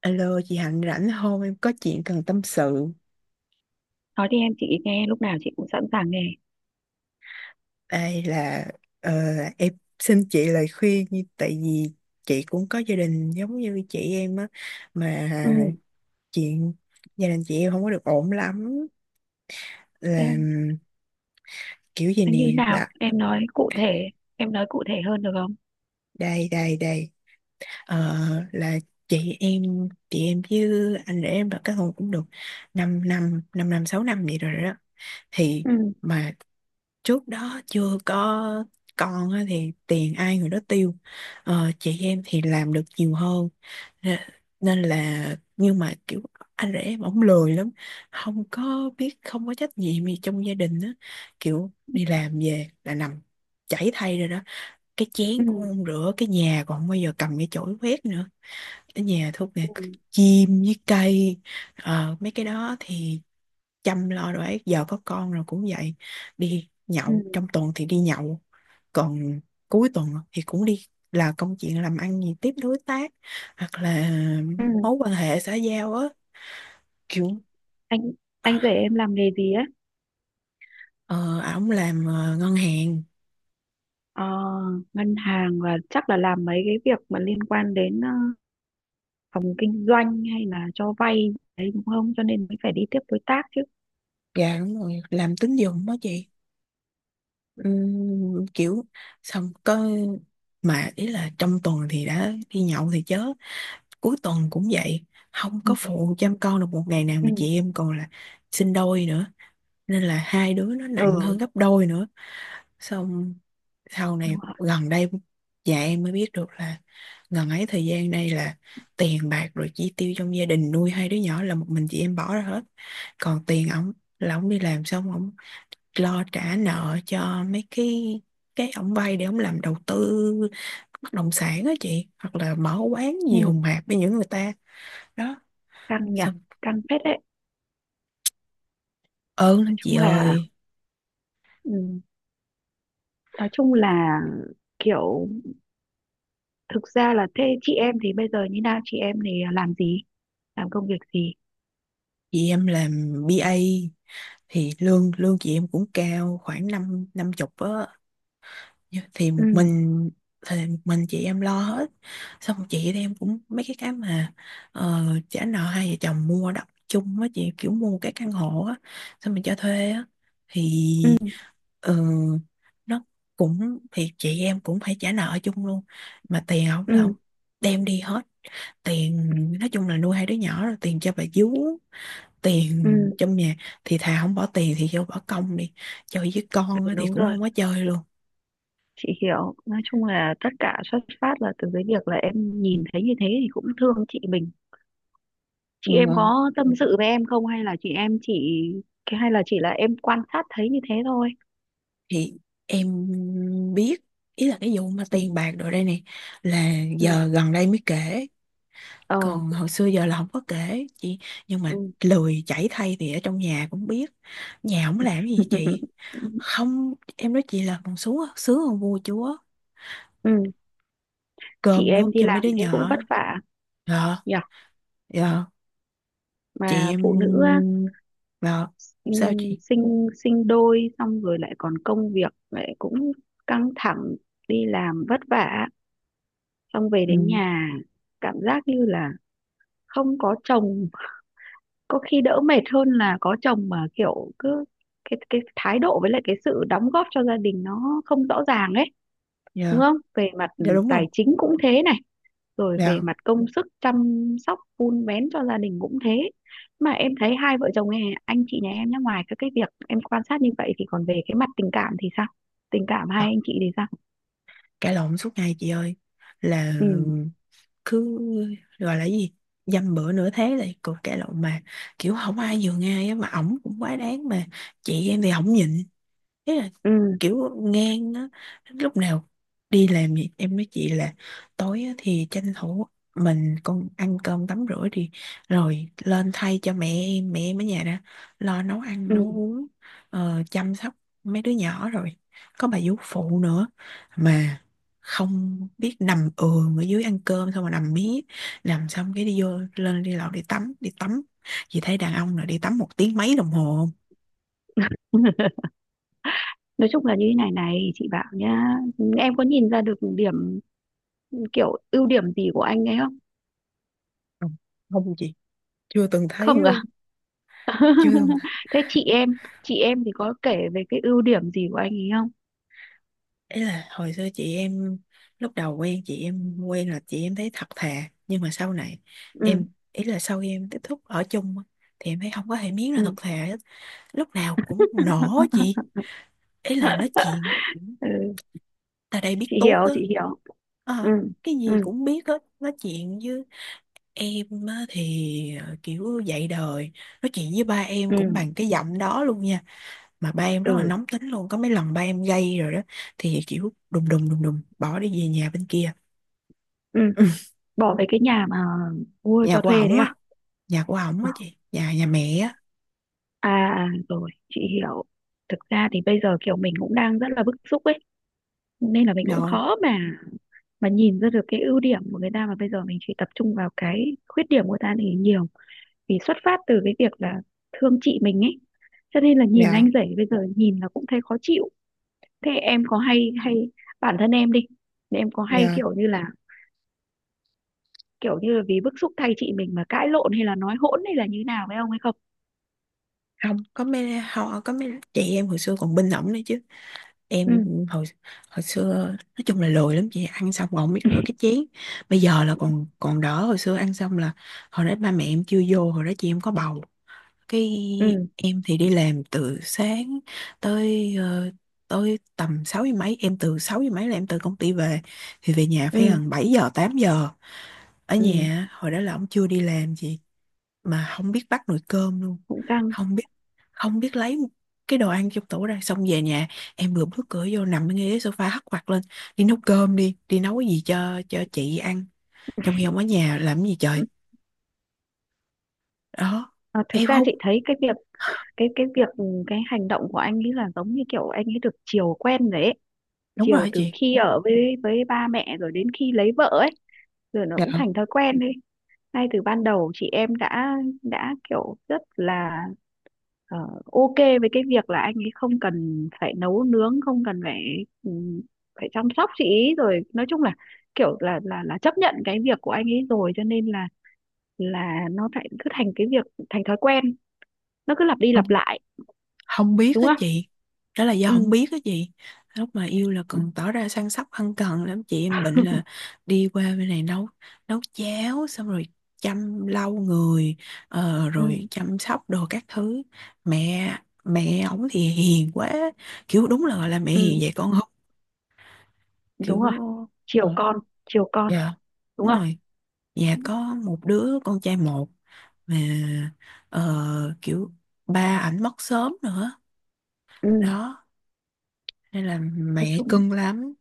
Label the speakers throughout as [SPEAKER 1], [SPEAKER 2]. [SPEAKER 1] Alo chị Hạnh rảnh không? Em có chuyện cần tâm sự.
[SPEAKER 2] Nói đi em, chị nghe, lúc nào chị cũng sẵn sàng nghe.
[SPEAKER 1] Đây là ờ, em xin chị lời khuyên tại vì chị cũng có gia đình giống như chị em á, mà
[SPEAKER 2] Ừ.
[SPEAKER 1] chuyện gia đình chị em không có được ổn lắm,
[SPEAKER 2] thế
[SPEAKER 1] là kiểu gì
[SPEAKER 2] thế như
[SPEAKER 1] nè,
[SPEAKER 2] nào,
[SPEAKER 1] là
[SPEAKER 2] em nói cụ thể. Em nói cụ thể hơn được không?
[SPEAKER 1] đây đây đây. Ờ, là chị em chị em với anh rể em đã kết hôn cũng được 5 năm 6 năm vậy rồi đó, thì
[SPEAKER 2] Ừ.
[SPEAKER 1] mà trước đó chưa có con á thì tiền ai người đó tiêu. Chị em thì làm được nhiều hơn. Nè- Nên là, nhưng mà kiểu anh rể em ổng lười lắm, không có biết, không có trách nhiệm gì trong gia đình á, kiểu đi làm về là nằm chảy thay rồi đó, cái
[SPEAKER 2] Ừ.
[SPEAKER 1] chén cũng không rửa, cái nhà còn không bao giờ cầm cái chổi quét nữa, ở nhà thuốc nè,
[SPEAKER 2] Ừ.
[SPEAKER 1] chim với cây, mấy cái đó thì chăm lo đồ ấy. Giờ có con rồi cũng vậy, đi
[SPEAKER 2] Ừ.
[SPEAKER 1] nhậu, trong tuần thì đi nhậu, còn cuối tuần thì cũng đi, là công chuyện làm ăn gì tiếp đối tác, hoặc là
[SPEAKER 2] Ừ.
[SPEAKER 1] mối quan hệ xã giao á, kiểu.
[SPEAKER 2] anh anh rể em làm nghề gì á?
[SPEAKER 1] Ờ, Ổng làm ngân hàng.
[SPEAKER 2] ờ, Ngân hàng, và chắc là làm mấy cái việc mà liên quan đến phòng kinh doanh hay là cho vay đấy, đúng không? Cho nên mới phải đi tiếp đối tác chứ.
[SPEAKER 1] Dạ đúng rồi, làm tín dụng đó chị. Kiểu xong có, mà ý là trong tuần thì đã đi nhậu thì chớ, cuối tuần cũng vậy, không có
[SPEAKER 2] Ừ.
[SPEAKER 1] phụ chăm con được một ngày nào,
[SPEAKER 2] Ừ.
[SPEAKER 1] mà chị em còn là sinh đôi nữa, nên là hai đứa nó nặng
[SPEAKER 2] Ừ,
[SPEAKER 1] hơn gấp đôi nữa. Xong sau này,
[SPEAKER 2] đúng rồi.
[SPEAKER 1] gần đây dạ em mới biết được là, gần ấy thời gian đây là tiền bạc rồi chi tiêu trong gia đình nuôi hai đứa nhỏ là một mình chị em bỏ ra hết, còn tiền ổng là ổng đi làm xong ổng lo trả nợ cho mấy cái ổng vay để ổng làm đầu tư bất động sản á chị, hoặc là mở quán gì hùng
[SPEAKER 2] Ừ.
[SPEAKER 1] hạp với những người ta. Đó
[SPEAKER 2] Căng nhỉ.
[SPEAKER 1] xong,
[SPEAKER 2] Căng phết đấy.
[SPEAKER 1] ơn
[SPEAKER 2] Nói
[SPEAKER 1] lắm chị
[SPEAKER 2] chung là.
[SPEAKER 1] ơi.
[SPEAKER 2] Ừ. Nói chung là kiểu, thực ra là thế, chị em thì bây giờ như nào, chị em thì làm gì, làm công việc gì?
[SPEAKER 1] Chị em làm BA thì lương lương chị em cũng cao, khoảng năm năm chục á. Thì một
[SPEAKER 2] Ừ.
[SPEAKER 1] mình, thì một mình chị em lo hết. Xong chị em cũng mấy cái mà trả nợ, hai vợ chồng mua đất chung á chị, kiểu mua cái căn hộ á, xong mình cho thuê á, thì
[SPEAKER 2] Ừ.
[SPEAKER 1] ờ, nó cũng, thì chị em cũng phải trả nợ chung luôn, mà tiền ổng là ổng
[SPEAKER 2] Ừ.
[SPEAKER 1] đem đi hết. Tiền nói chung là nuôi hai đứa nhỏ rồi tiền cho bà vú, tiền
[SPEAKER 2] Ừ.
[SPEAKER 1] trong nhà, thì thà không bỏ tiền thì vô bỏ công đi chơi với
[SPEAKER 2] Ừ,
[SPEAKER 1] con á, thì
[SPEAKER 2] đúng
[SPEAKER 1] cũng
[SPEAKER 2] rồi.
[SPEAKER 1] không có chơi luôn.
[SPEAKER 2] Chị hiểu. Nói chung là tất cả xuất phát là từ cái việc là em nhìn thấy như thế thì cũng thương chị mình.
[SPEAKER 1] Ừ.
[SPEAKER 2] Chị em
[SPEAKER 1] Ờ.
[SPEAKER 2] có tâm sự với em không, hay là chị em chỉ, cái hay là chỉ là em quan sát thấy như thế thôi?
[SPEAKER 1] Thì em biết, ý là cái vụ mà
[SPEAKER 2] Ừ.
[SPEAKER 1] tiền bạc đồ đây nè, là
[SPEAKER 2] Ừ.
[SPEAKER 1] giờ gần đây mới kể,
[SPEAKER 2] Ờ.
[SPEAKER 1] còn hồi xưa giờ là không có kể chị. Nhưng mà
[SPEAKER 2] Ừ.
[SPEAKER 1] lười chảy thay thì ở trong nhà cũng biết, nhà không làm gì chị. Không, em nói chị là còn xuống sướng hơn vua chúa,
[SPEAKER 2] Ừ. Chị
[SPEAKER 1] cơm nước
[SPEAKER 2] em đi
[SPEAKER 1] cho mấy
[SPEAKER 2] làm
[SPEAKER 1] đứa
[SPEAKER 2] thế cũng
[SPEAKER 1] nhỏ.
[SPEAKER 2] vất vả
[SPEAKER 1] Dạ.
[SPEAKER 2] nhỉ.
[SPEAKER 1] Dạ. Chị
[SPEAKER 2] Mà
[SPEAKER 1] em
[SPEAKER 2] phụ nữ á,
[SPEAKER 1] dạ.
[SPEAKER 2] ừ,
[SPEAKER 1] Sao chị?
[SPEAKER 2] sinh sinh đôi xong rồi lại còn công việc lại cũng căng thẳng, đi làm vất vả, xong về đến
[SPEAKER 1] Ừ.
[SPEAKER 2] nhà cảm giác như là không có chồng có khi đỡ mệt hơn là có chồng, mà kiểu cứ cái thái độ với lại cái sự đóng góp cho gia đình nó không rõ ràng ấy, đúng
[SPEAKER 1] Dạ,
[SPEAKER 2] không? Về mặt
[SPEAKER 1] dạ đúng
[SPEAKER 2] tài
[SPEAKER 1] không?
[SPEAKER 2] chính cũng thế này, rồi về
[SPEAKER 1] Dạ.
[SPEAKER 2] mặt công sức chăm sóc vun vén cho gia đình cũng thế. Mà em thấy hai vợ chồng nhà- anh chị nhà em nhá, ngoài các cái việc em quan sát như vậy thì còn về cái mặt tình cảm thì sao? Tình cảm
[SPEAKER 1] Ờ,
[SPEAKER 2] hai anh chị thì sao?
[SPEAKER 1] Cãi lộn suốt ngày chị ơi. Là
[SPEAKER 2] Ừ.
[SPEAKER 1] cứ gọi là gì? Dăm bữa nửa thế là cuộc cãi lộn mà, kiểu không ai nhường ai á, mà ổng cũng quá đáng mà chị em thì ổng nhịn, thế là
[SPEAKER 2] Ừ.
[SPEAKER 1] kiểu ngang á. Lúc nào đi làm gì em với chị là tối á, thì tranh thủ mình con ăn cơm tắm rửa đi, rồi lên thay cho mẹ em ở nhà đã, lo nấu ăn
[SPEAKER 2] Ừ.
[SPEAKER 1] nấu uống, chăm sóc mấy đứa nhỏ rồi có bà vú phụ nữa, mà không biết, nằm ườn ở dưới ăn cơm xong mà nằm mí, nằm xong cái đi vô, lên đi lầu đi tắm, đi tắm. Chị thấy đàn ông nào đi tắm 1 tiếng mấy đồng hồ?
[SPEAKER 2] Nói chung là như thế này này, chị bảo nhá, em có nhìn ra được điểm, kiểu ưu điểm gì của anh ấy không?
[SPEAKER 1] Không, không không chị, chưa từng thấy
[SPEAKER 2] Không à?
[SPEAKER 1] luôn. Chương à?
[SPEAKER 2] Thế chị em, chị em thì có kể về cái ưu điểm gì của anh ấy không?
[SPEAKER 1] Ấy là hồi xưa chị em, lúc đầu quen chị em, quen là chị em thấy thật thà, nhưng mà sau này
[SPEAKER 2] Ừ.
[SPEAKER 1] em, ý là sau khi em tiếp xúc ở chung á, thì em thấy không có hề miếng là thật
[SPEAKER 2] Ừ.
[SPEAKER 1] thà hết. Lúc nào cũng nổ chị, ý là nói chuyện
[SPEAKER 2] Ừ.
[SPEAKER 1] ta đây biết
[SPEAKER 2] Chị
[SPEAKER 1] tốt
[SPEAKER 2] hiểu,
[SPEAKER 1] á.
[SPEAKER 2] chị hiểu. Ừ.
[SPEAKER 1] Ờ, cái gì
[SPEAKER 2] Ừ.
[SPEAKER 1] cũng biết hết, nói chuyện với em á, thì kiểu dạy đời. Nói chuyện với ba em
[SPEAKER 2] Ừ.
[SPEAKER 1] cũng bằng cái giọng đó luôn nha, mà ba em rất là
[SPEAKER 2] Ừ.
[SPEAKER 1] nóng tính luôn, có mấy lần ba em gây rồi đó, thì kiểu đùng đùng đùng đùng bỏ đi về nhà bên kia.
[SPEAKER 2] Ừ.
[SPEAKER 1] Ừ,
[SPEAKER 2] Bỏ về cái nhà mà mua
[SPEAKER 1] nhà
[SPEAKER 2] cho
[SPEAKER 1] của
[SPEAKER 2] thuê đấy
[SPEAKER 1] ổng á,
[SPEAKER 2] à?
[SPEAKER 1] nhà của ổng
[SPEAKER 2] Ờ.
[SPEAKER 1] á chị, nhà nhà mẹ á.
[SPEAKER 2] À. À, rồi chị hiểu. Thực ra thì bây giờ kiểu mình cũng đang rất là bức xúc ấy, nên là mình
[SPEAKER 1] Nhà
[SPEAKER 2] cũng khó mà nhìn ra được cái ưu điểm của người ta, mà bây giờ mình chỉ tập trung vào cái khuyết điểm của người ta thì nhiều, vì xuất phát từ cái việc là thương chị mình ấy, cho nên là nhìn
[SPEAKER 1] nhà
[SPEAKER 2] anh rể bây giờ nhìn là cũng thấy khó chịu. Thế em có hay hay bản thân em đi, em có hay
[SPEAKER 1] nhà
[SPEAKER 2] kiểu như là, kiểu như là vì bức xúc thay chị mình mà cãi lộn hay là nói hỗn hay là như nào với ông ấy không?
[SPEAKER 1] Không có mấy, họ có mấy chị em hồi xưa còn bên ổng nữa chứ.
[SPEAKER 2] Ừ.
[SPEAKER 1] Em hồi, hồi xưa nói chung là lười lắm chị, ăn xong còn không biết rửa cái chén. Bây giờ là còn, còn đỡ, hồi xưa ăn xong là, hồi đó ba mẹ em chưa vô, hồi đó chị em có bầu. Cái
[SPEAKER 2] Ừ.
[SPEAKER 1] em thì đi làm từ sáng tới tới tầm 6 giờ mấy, em từ 6 giờ mấy là em từ công ty về, thì về nhà phải
[SPEAKER 2] Ừ.
[SPEAKER 1] gần 7 giờ 8 giờ. Ở
[SPEAKER 2] Ừ.
[SPEAKER 1] nhà hồi đó là ông chưa đi làm gì, mà không biết bắt nồi cơm luôn.
[SPEAKER 2] Cũng căng.
[SPEAKER 1] Không biết, không biết lấy cái đồ ăn trong tủ ra. Xong về nhà em vừa bước cửa vô, nằm ngay ghế sofa hất quạt lên, đi nấu cơm đi, đi nấu cái gì cho chị ăn, trong khi ông ở nhà làm cái gì trời.
[SPEAKER 2] Ừ.
[SPEAKER 1] Đó.
[SPEAKER 2] À, thực
[SPEAKER 1] Em
[SPEAKER 2] ra
[SPEAKER 1] không,
[SPEAKER 2] chị thấy cái việc, cái việc ừ, cái hành động của anh ấy là giống như kiểu anh ấy được chiều quen rồi ấy,
[SPEAKER 1] đúng
[SPEAKER 2] chiều
[SPEAKER 1] rồi
[SPEAKER 2] từ
[SPEAKER 1] chị.
[SPEAKER 2] khi ở với ba mẹ rồi đến khi lấy vợ ấy, rồi nó cũng
[SPEAKER 1] Dạ.
[SPEAKER 2] thành thói quen đi. Ngay từ ban đầu chị em đã kiểu rất là ờ, ok với cái việc là anh ấy không cần phải nấu nướng, không cần phải phải chăm sóc chị ý, rồi nói chung là kiểu là chấp nhận cái việc của anh ấy rồi, cho nên là nó lại cứ thành cái việc, thành thói quen, nó cứ lặp đi lặp
[SPEAKER 1] Không,
[SPEAKER 2] lại,
[SPEAKER 1] không biết
[SPEAKER 2] đúng
[SPEAKER 1] á
[SPEAKER 2] không?
[SPEAKER 1] chị, đó là do
[SPEAKER 2] Ừ.
[SPEAKER 1] không biết á chị. Lúc mà yêu là cần tỏ ra săn sóc ân cần lắm, chị em bệnh là đi qua bên này nấu, nấu cháo, xong rồi chăm lau người,
[SPEAKER 2] Ừ.
[SPEAKER 1] rồi chăm sóc đồ các thứ. Mẹ mẹ ổng thì hiền quá, kiểu đúng là gọi là mẹ hiền
[SPEAKER 2] Ừ.
[SPEAKER 1] vậy con không, kiểu.
[SPEAKER 2] Đúng rồi, chiều
[SPEAKER 1] ờ,
[SPEAKER 2] con, chiều con,
[SPEAKER 1] dạ
[SPEAKER 2] đúng
[SPEAKER 1] đúng
[SPEAKER 2] không?
[SPEAKER 1] rồi, nhà có một đứa con trai một, mà kiểu ba ảnh mất sớm nữa
[SPEAKER 2] Ừ.
[SPEAKER 1] đó, nên là
[SPEAKER 2] Nói
[SPEAKER 1] mẹ
[SPEAKER 2] chung,
[SPEAKER 1] cưng lắm.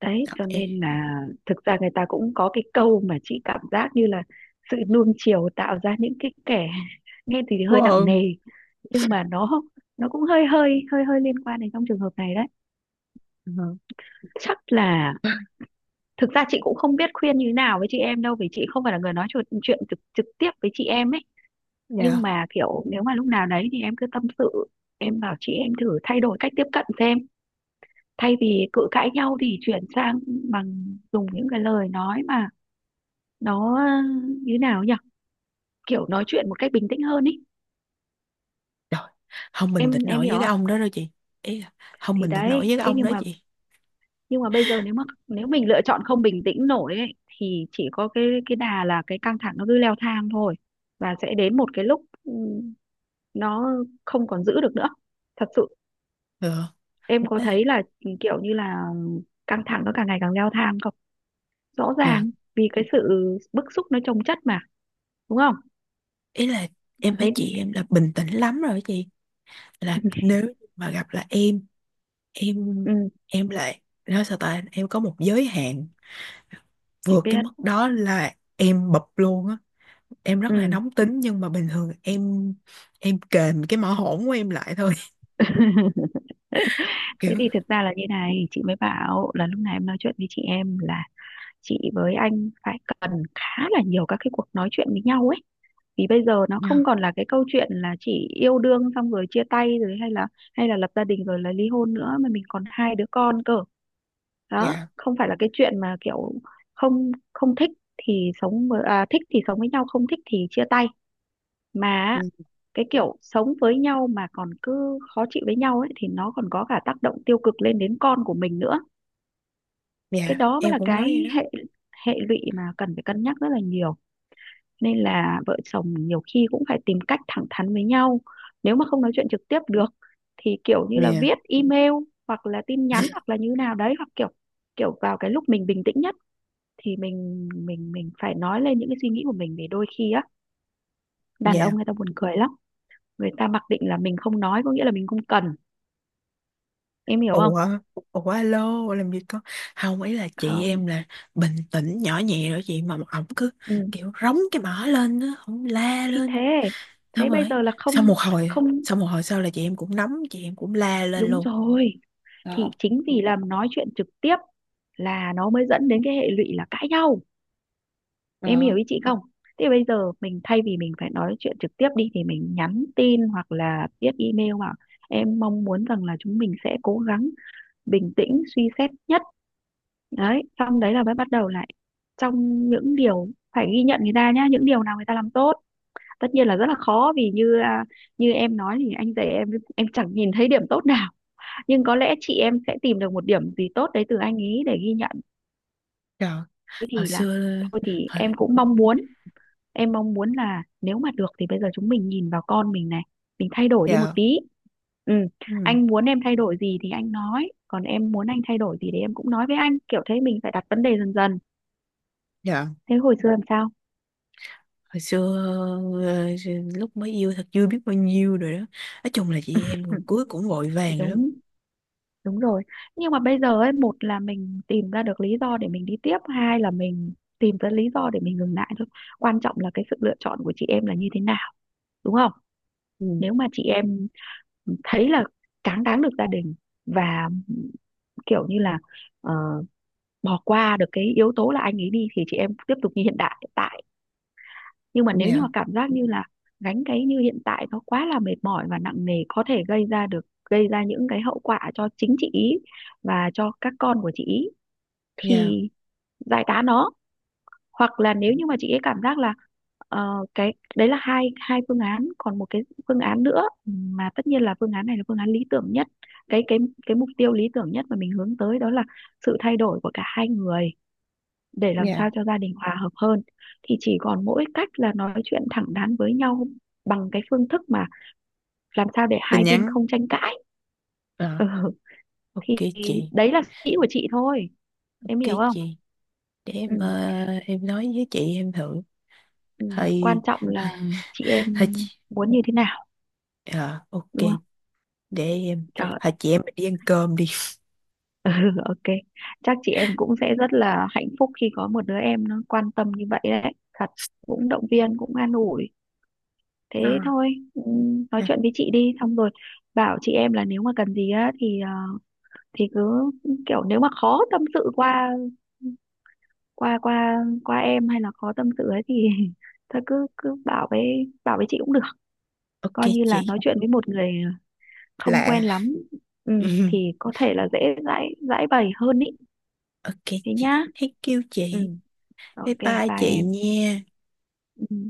[SPEAKER 2] đấy, cho
[SPEAKER 1] Ê,
[SPEAKER 2] nên là thực ra người ta cũng có cái câu mà chị cảm giác như là sự nuông chiều tạo ra những cái kẻ, nghe thì
[SPEAKER 1] vô
[SPEAKER 2] hơi nặng
[SPEAKER 1] ơn.
[SPEAKER 2] nề, nhưng mà nó cũng hơi hơi hơi hơi liên quan đến trong trường hợp này đấy.
[SPEAKER 1] Ừ,
[SPEAKER 2] Chắc là, thực ra chị cũng không biết khuyên như thế nào với chị em đâu, vì chị không phải là người nói chuyện, chuyện trực trực tiếp với chị em ấy, nhưng
[SPEAKER 1] dạ.
[SPEAKER 2] mà kiểu nếu mà lúc nào đấy thì em cứ tâm sự. Em bảo chị em thử thay đổi cách tiếp cận xem, thay vì cự cãi nhau thì chuyển sang bằng dùng những cái lời nói mà nó như nào nhỉ, kiểu nói chuyện một cách bình tĩnh hơn ý.
[SPEAKER 1] Trời, không bình tĩnh
[SPEAKER 2] Em
[SPEAKER 1] nổi
[SPEAKER 2] hiểu
[SPEAKER 1] với cái
[SPEAKER 2] không?
[SPEAKER 1] ông đó đâu chị, ý là không
[SPEAKER 2] Thì
[SPEAKER 1] bình tĩnh nổi
[SPEAKER 2] đấy,
[SPEAKER 1] với cái
[SPEAKER 2] thế
[SPEAKER 1] ông
[SPEAKER 2] nhưng
[SPEAKER 1] đó
[SPEAKER 2] mà,
[SPEAKER 1] chị.
[SPEAKER 2] nhưng mà bây giờ nếu mà, nếu mình lựa chọn không bình tĩnh nổi ấy, thì chỉ có cái đà là cái căng thẳng nó cứ leo thang thôi, và sẽ đến một cái lúc nó không còn giữ được nữa, thật sự.
[SPEAKER 1] Ừ.
[SPEAKER 2] Em có
[SPEAKER 1] Thế là-
[SPEAKER 2] thấy là kiểu như là căng thẳng nó càng ngày càng leo thang không? Rõ
[SPEAKER 1] dạ.
[SPEAKER 2] ràng vì cái sự bức xúc nó chồng chất mà, đúng không?
[SPEAKER 1] Ý là em thấy
[SPEAKER 2] Đấy.
[SPEAKER 1] chị em là bình tĩnh lắm rồi đó chị, là nếu mà gặp là em, em
[SPEAKER 2] Ừ,
[SPEAKER 1] em lại nói sao ta, em có một giới hạn,
[SPEAKER 2] chị
[SPEAKER 1] vượt cái
[SPEAKER 2] biết.
[SPEAKER 1] mức đó là em bập luôn á. Em rất là
[SPEAKER 2] Ừ.
[SPEAKER 1] nóng tính, nhưng mà bình thường em kềm cái mỏ hổn của em lại thôi.
[SPEAKER 2] Thế
[SPEAKER 1] Kiểu,
[SPEAKER 2] thì thực ra là như này, chị mới bảo là lúc này em nói chuyện với chị em là chị với anh phải cần khá là nhiều các cái cuộc nói chuyện với nhau ấy, vì bây giờ nó không
[SPEAKER 1] dạ,
[SPEAKER 2] còn là cái câu chuyện là chỉ yêu đương xong rồi chia tay rồi, hay là, hay là lập gia đình rồi là ly hôn nữa, mà mình còn hai đứa con cơ. Đó
[SPEAKER 1] dạ,
[SPEAKER 2] không phải là cái chuyện mà kiểu không không thích thì sống với, à, thích thì sống với nhau, không thích thì chia tay. Mà cái kiểu sống với nhau mà còn cứ khó chịu với nhau ấy thì nó còn có cả tác động tiêu cực lên đến con của mình nữa. Cái
[SPEAKER 1] dạ
[SPEAKER 2] đó mới
[SPEAKER 1] em
[SPEAKER 2] là
[SPEAKER 1] cũng nói vậy
[SPEAKER 2] cái
[SPEAKER 1] đó.
[SPEAKER 2] hệ, hệ lụy mà cần phải cân nhắc rất là nhiều. Nên là vợ chồng nhiều khi cũng phải tìm cách thẳng thắn với nhau. Nếu mà không nói chuyện trực tiếp được thì kiểu như là
[SPEAKER 1] Dạ.
[SPEAKER 2] viết email, hoặc là tin nhắn, hoặc là như nào đấy, hoặc kiểu, kiểu vào cái lúc mình bình tĩnh nhất thì mình phải nói lên những cái suy nghĩ của mình. Vì đôi khi á, đàn ông
[SPEAKER 1] Dạ.
[SPEAKER 2] người ta buồn cười lắm, người ta mặc định là mình không nói có nghĩa là mình không cần. Em hiểu không?
[SPEAKER 1] Ủa, ủa alo làm gì có. Không, ý là chị
[SPEAKER 2] Không.
[SPEAKER 1] em là bình tĩnh nhỏ nhẹ rồi chị, mà ổng cứ
[SPEAKER 2] Ừ.
[SPEAKER 1] kiểu rống cái mỏ lên á, ổng la
[SPEAKER 2] Thì thế,
[SPEAKER 1] lên,
[SPEAKER 2] thế
[SPEAKER 1] xong
[SPEAKER 2] bây
[SPEAKER 1] rồi,
[SPEAKER 2] giờ là
[SPEAKER 1] sau
[SPEAKER 2] không.
[SPEAKER 1] một hồi
[SPEAKER 2] Không,
[SPEAKER 1] sau một hồi sau là chị em cũng nóng, chị em cũng la lên
[SPEAKER 2] đúng
[SPEAKER 1] luôn.
[SPEAKER 2] rồi, thì chính vì là nói chuyện trực tiếp là nó mới dẫn đến cái hệ lụy là cãi nhau. Em hiểu ý chị không? Thế bây giờ mình thay vì mình phải nói chuyện trực tiếp đi thì mình nhắn tin hoặc là viết email, bảo em mong muốn rằng là chúng mình sẽ cố gắng bình tĩnh suy xét nhất. Đấy, xong đấy là mới bắt đầu lại trong những điều phải ghi nhận người ta nhá, những điều nào người ta làm tốt. Tất nhiên là rất là khó vì như như em nói thì anh rể em chẳng nhìn thấy điểm tốt nào, nhưng có lẽ chị em sẽ tìm được một điểm gì tốt đấy từ anh ấy để ghi nhận.
[SPEAKER 1] Dạ.
[SPEAKER 2] Thế
[SPEAKER 1] Hồi
[SPEAKER 2] thì là,
[SPEAKER 1] xưa,
[SPEAKER 2] thôi thì
[SPEAKER 1] hồi,
[SPEAKER 2] em cũng mong muốn, em mong muốn là nếu mà được thì bây giờ chúng mình nhìn vào con mình này, mình thay đổi đi một
[SPEAKER 1] dạ.
[SPEAKER 2] tí. Ừ.
[SPEAKER 1] Ừ,
[SPEAKER 2] Anh muốn em thay đổi gì thì anh nói, còn em muốn anh thay đổi gì thì em cũng nói với anh, kiểu thế, mình phải đặt vấn đề dần dần.
[SPEAKER 1] dạ
[SPEAKER 2] Thế hồi xưa làm sao?
[SPEAKER 1] hồi xưa ờ, lúc mới yêu, thật chưa biết bao nhiêu rồi đó, nói chung là chị em
[SPEAKER 2] Ừ,
[SPEAKER 1] rồi cưới cũng vội vàng lắm.
[SPEAKER 2] đúng đúng rồi. Nhưng mà bây giờ ấy, một là mình tìm ra được lý do để mình đi tiếp, hai là mình tìm ra lý do để mình ngừng lại thôi. Quan trọng là cái sự lựa chọn của chị em là như thế nào, đúng không?
[SPEAKER 1] Ừ.
[SPEAKER 2] Nếu mà chị em thấy là cáng đáng được gia đình và kiểu như là ờ, bỏ qua được cái yếu tố là anh ấy đi, thì chị em tiếp tục như hiện tại. Nhưng mà nếu như mà
[SPEAKER 1] Dạ.
[SPEAKER 2] cảm giác như là gánh cái như hiện tại nó quá là mệt mỏi và nặng nề, có thể gây ra được, gây ra những cái hậu quả cho chính chị ý và cho các con của chị ý
[SPEAKER 1] Dạ.
[SPEAKER 2] thì giải tán nó. Hoặc là nếu như mà chị ấy cảm giác là cái đấy là hai, hai phương án, còn một cái phương án nữa mà tất nhiên là phương án này là phương án lý tưởng nhất, cái cái cái mục tiêu lý tưởng nhất mà mình hướng tới đó là sự thay đổi của cả hai người để làm
[SPEAKER 1] Dạ.
[SPEAKER 2] sao cho gia đình hòa hợp hơn, thì chỉ còn mỗi cách là nói chuyện thẳng thắn với nhau bằng cái phương thức mà làm sao để hai
[SPEAKER 1] Tin
[SPEAKER 2] bên
[SPEAKER 1] nhắn.
[SPEAKER 2] không tranh cãi.
[SPEAKER 1] Ờ,
[SPEAKER 2] Ừ,
[SPEAKER 1] ok
[SPEAKER 2] thì
[SPEAKER 1] chị,
[SPEAKER 2] đấy là suy nghĩ của chị thôi, em
[SPEAKER 1] ok
[SPEAKER 2] hiểu không?
[SPEAKER 1] chị. Để
[SPEAKER 2] Ừ.
[SPEAKER 1] em, em nói với chị em thử.
[SPEAKER 2] Ừ. Quan
[SPEAKER 1] Hay,
[SPEAKER 2] trọng là
[SPEAKER 1] hay,
[SPEAKER 2] chị em
[SPEAKER 1] hay chị.
[SPEAKER 2] muốn như thế nào,
[SPEAKER 1] Ờ, ok,
[SPEAKER 2] đúng không?
[SPEAKER 1] để em,
[SPEAKER 2] Trời ơi.
[SPEAKER 1] hay chị em mình đi ăn cơm đi.
[SPEAKER 2] Ừ, ok. Chắc chị em cũng sẽ rất là hạnh phúc khi có một đứa em nó quan tâm như vậy đấy, thật, cũng động viên cũng an ủi.
[SPEAKER 1] Ờ.
[SPEAKER 2] Thế thôi, nói
[SPEAKER 1] À,
[SPEAKER 2] chuyện với chị đi, xong rồi bảo chị em là nếu mà cần gì á thì thì cứ kiểu, nếu mà khó tâm sự qua qua em, hay là khó tâm sự ấy thì, thôi cứ cứ bảo với, bảo với chị cũng được.
[SPEAKER 1] ok
[SPEAKER 2] Coi như là
[SPEAKER 1] chị.
[SPEAKER 2] nói chuyện với một người không quen
[SPEAKER 1] Lạ.
[SPEAKER 2] lắm, ừ, thì có thể là dễ giải giải bày hơn ý.
[SPEAKER 1] Ok
[SPEAKER 2] Thế
[SPEAKER 1] chị.
[SPEAKER 2] nhá.
[SPEAKER 1] Thank you
[SPEAKER 2] Ừ,
[SPEAKER 1] chị. Bye
[SPEAKER 2] ok. Bye
[SPEAKER 1] bye chị
[SPEAKER 2] em.
[SPEAKER 1] nha.
[SPEAKER 2] Ừ.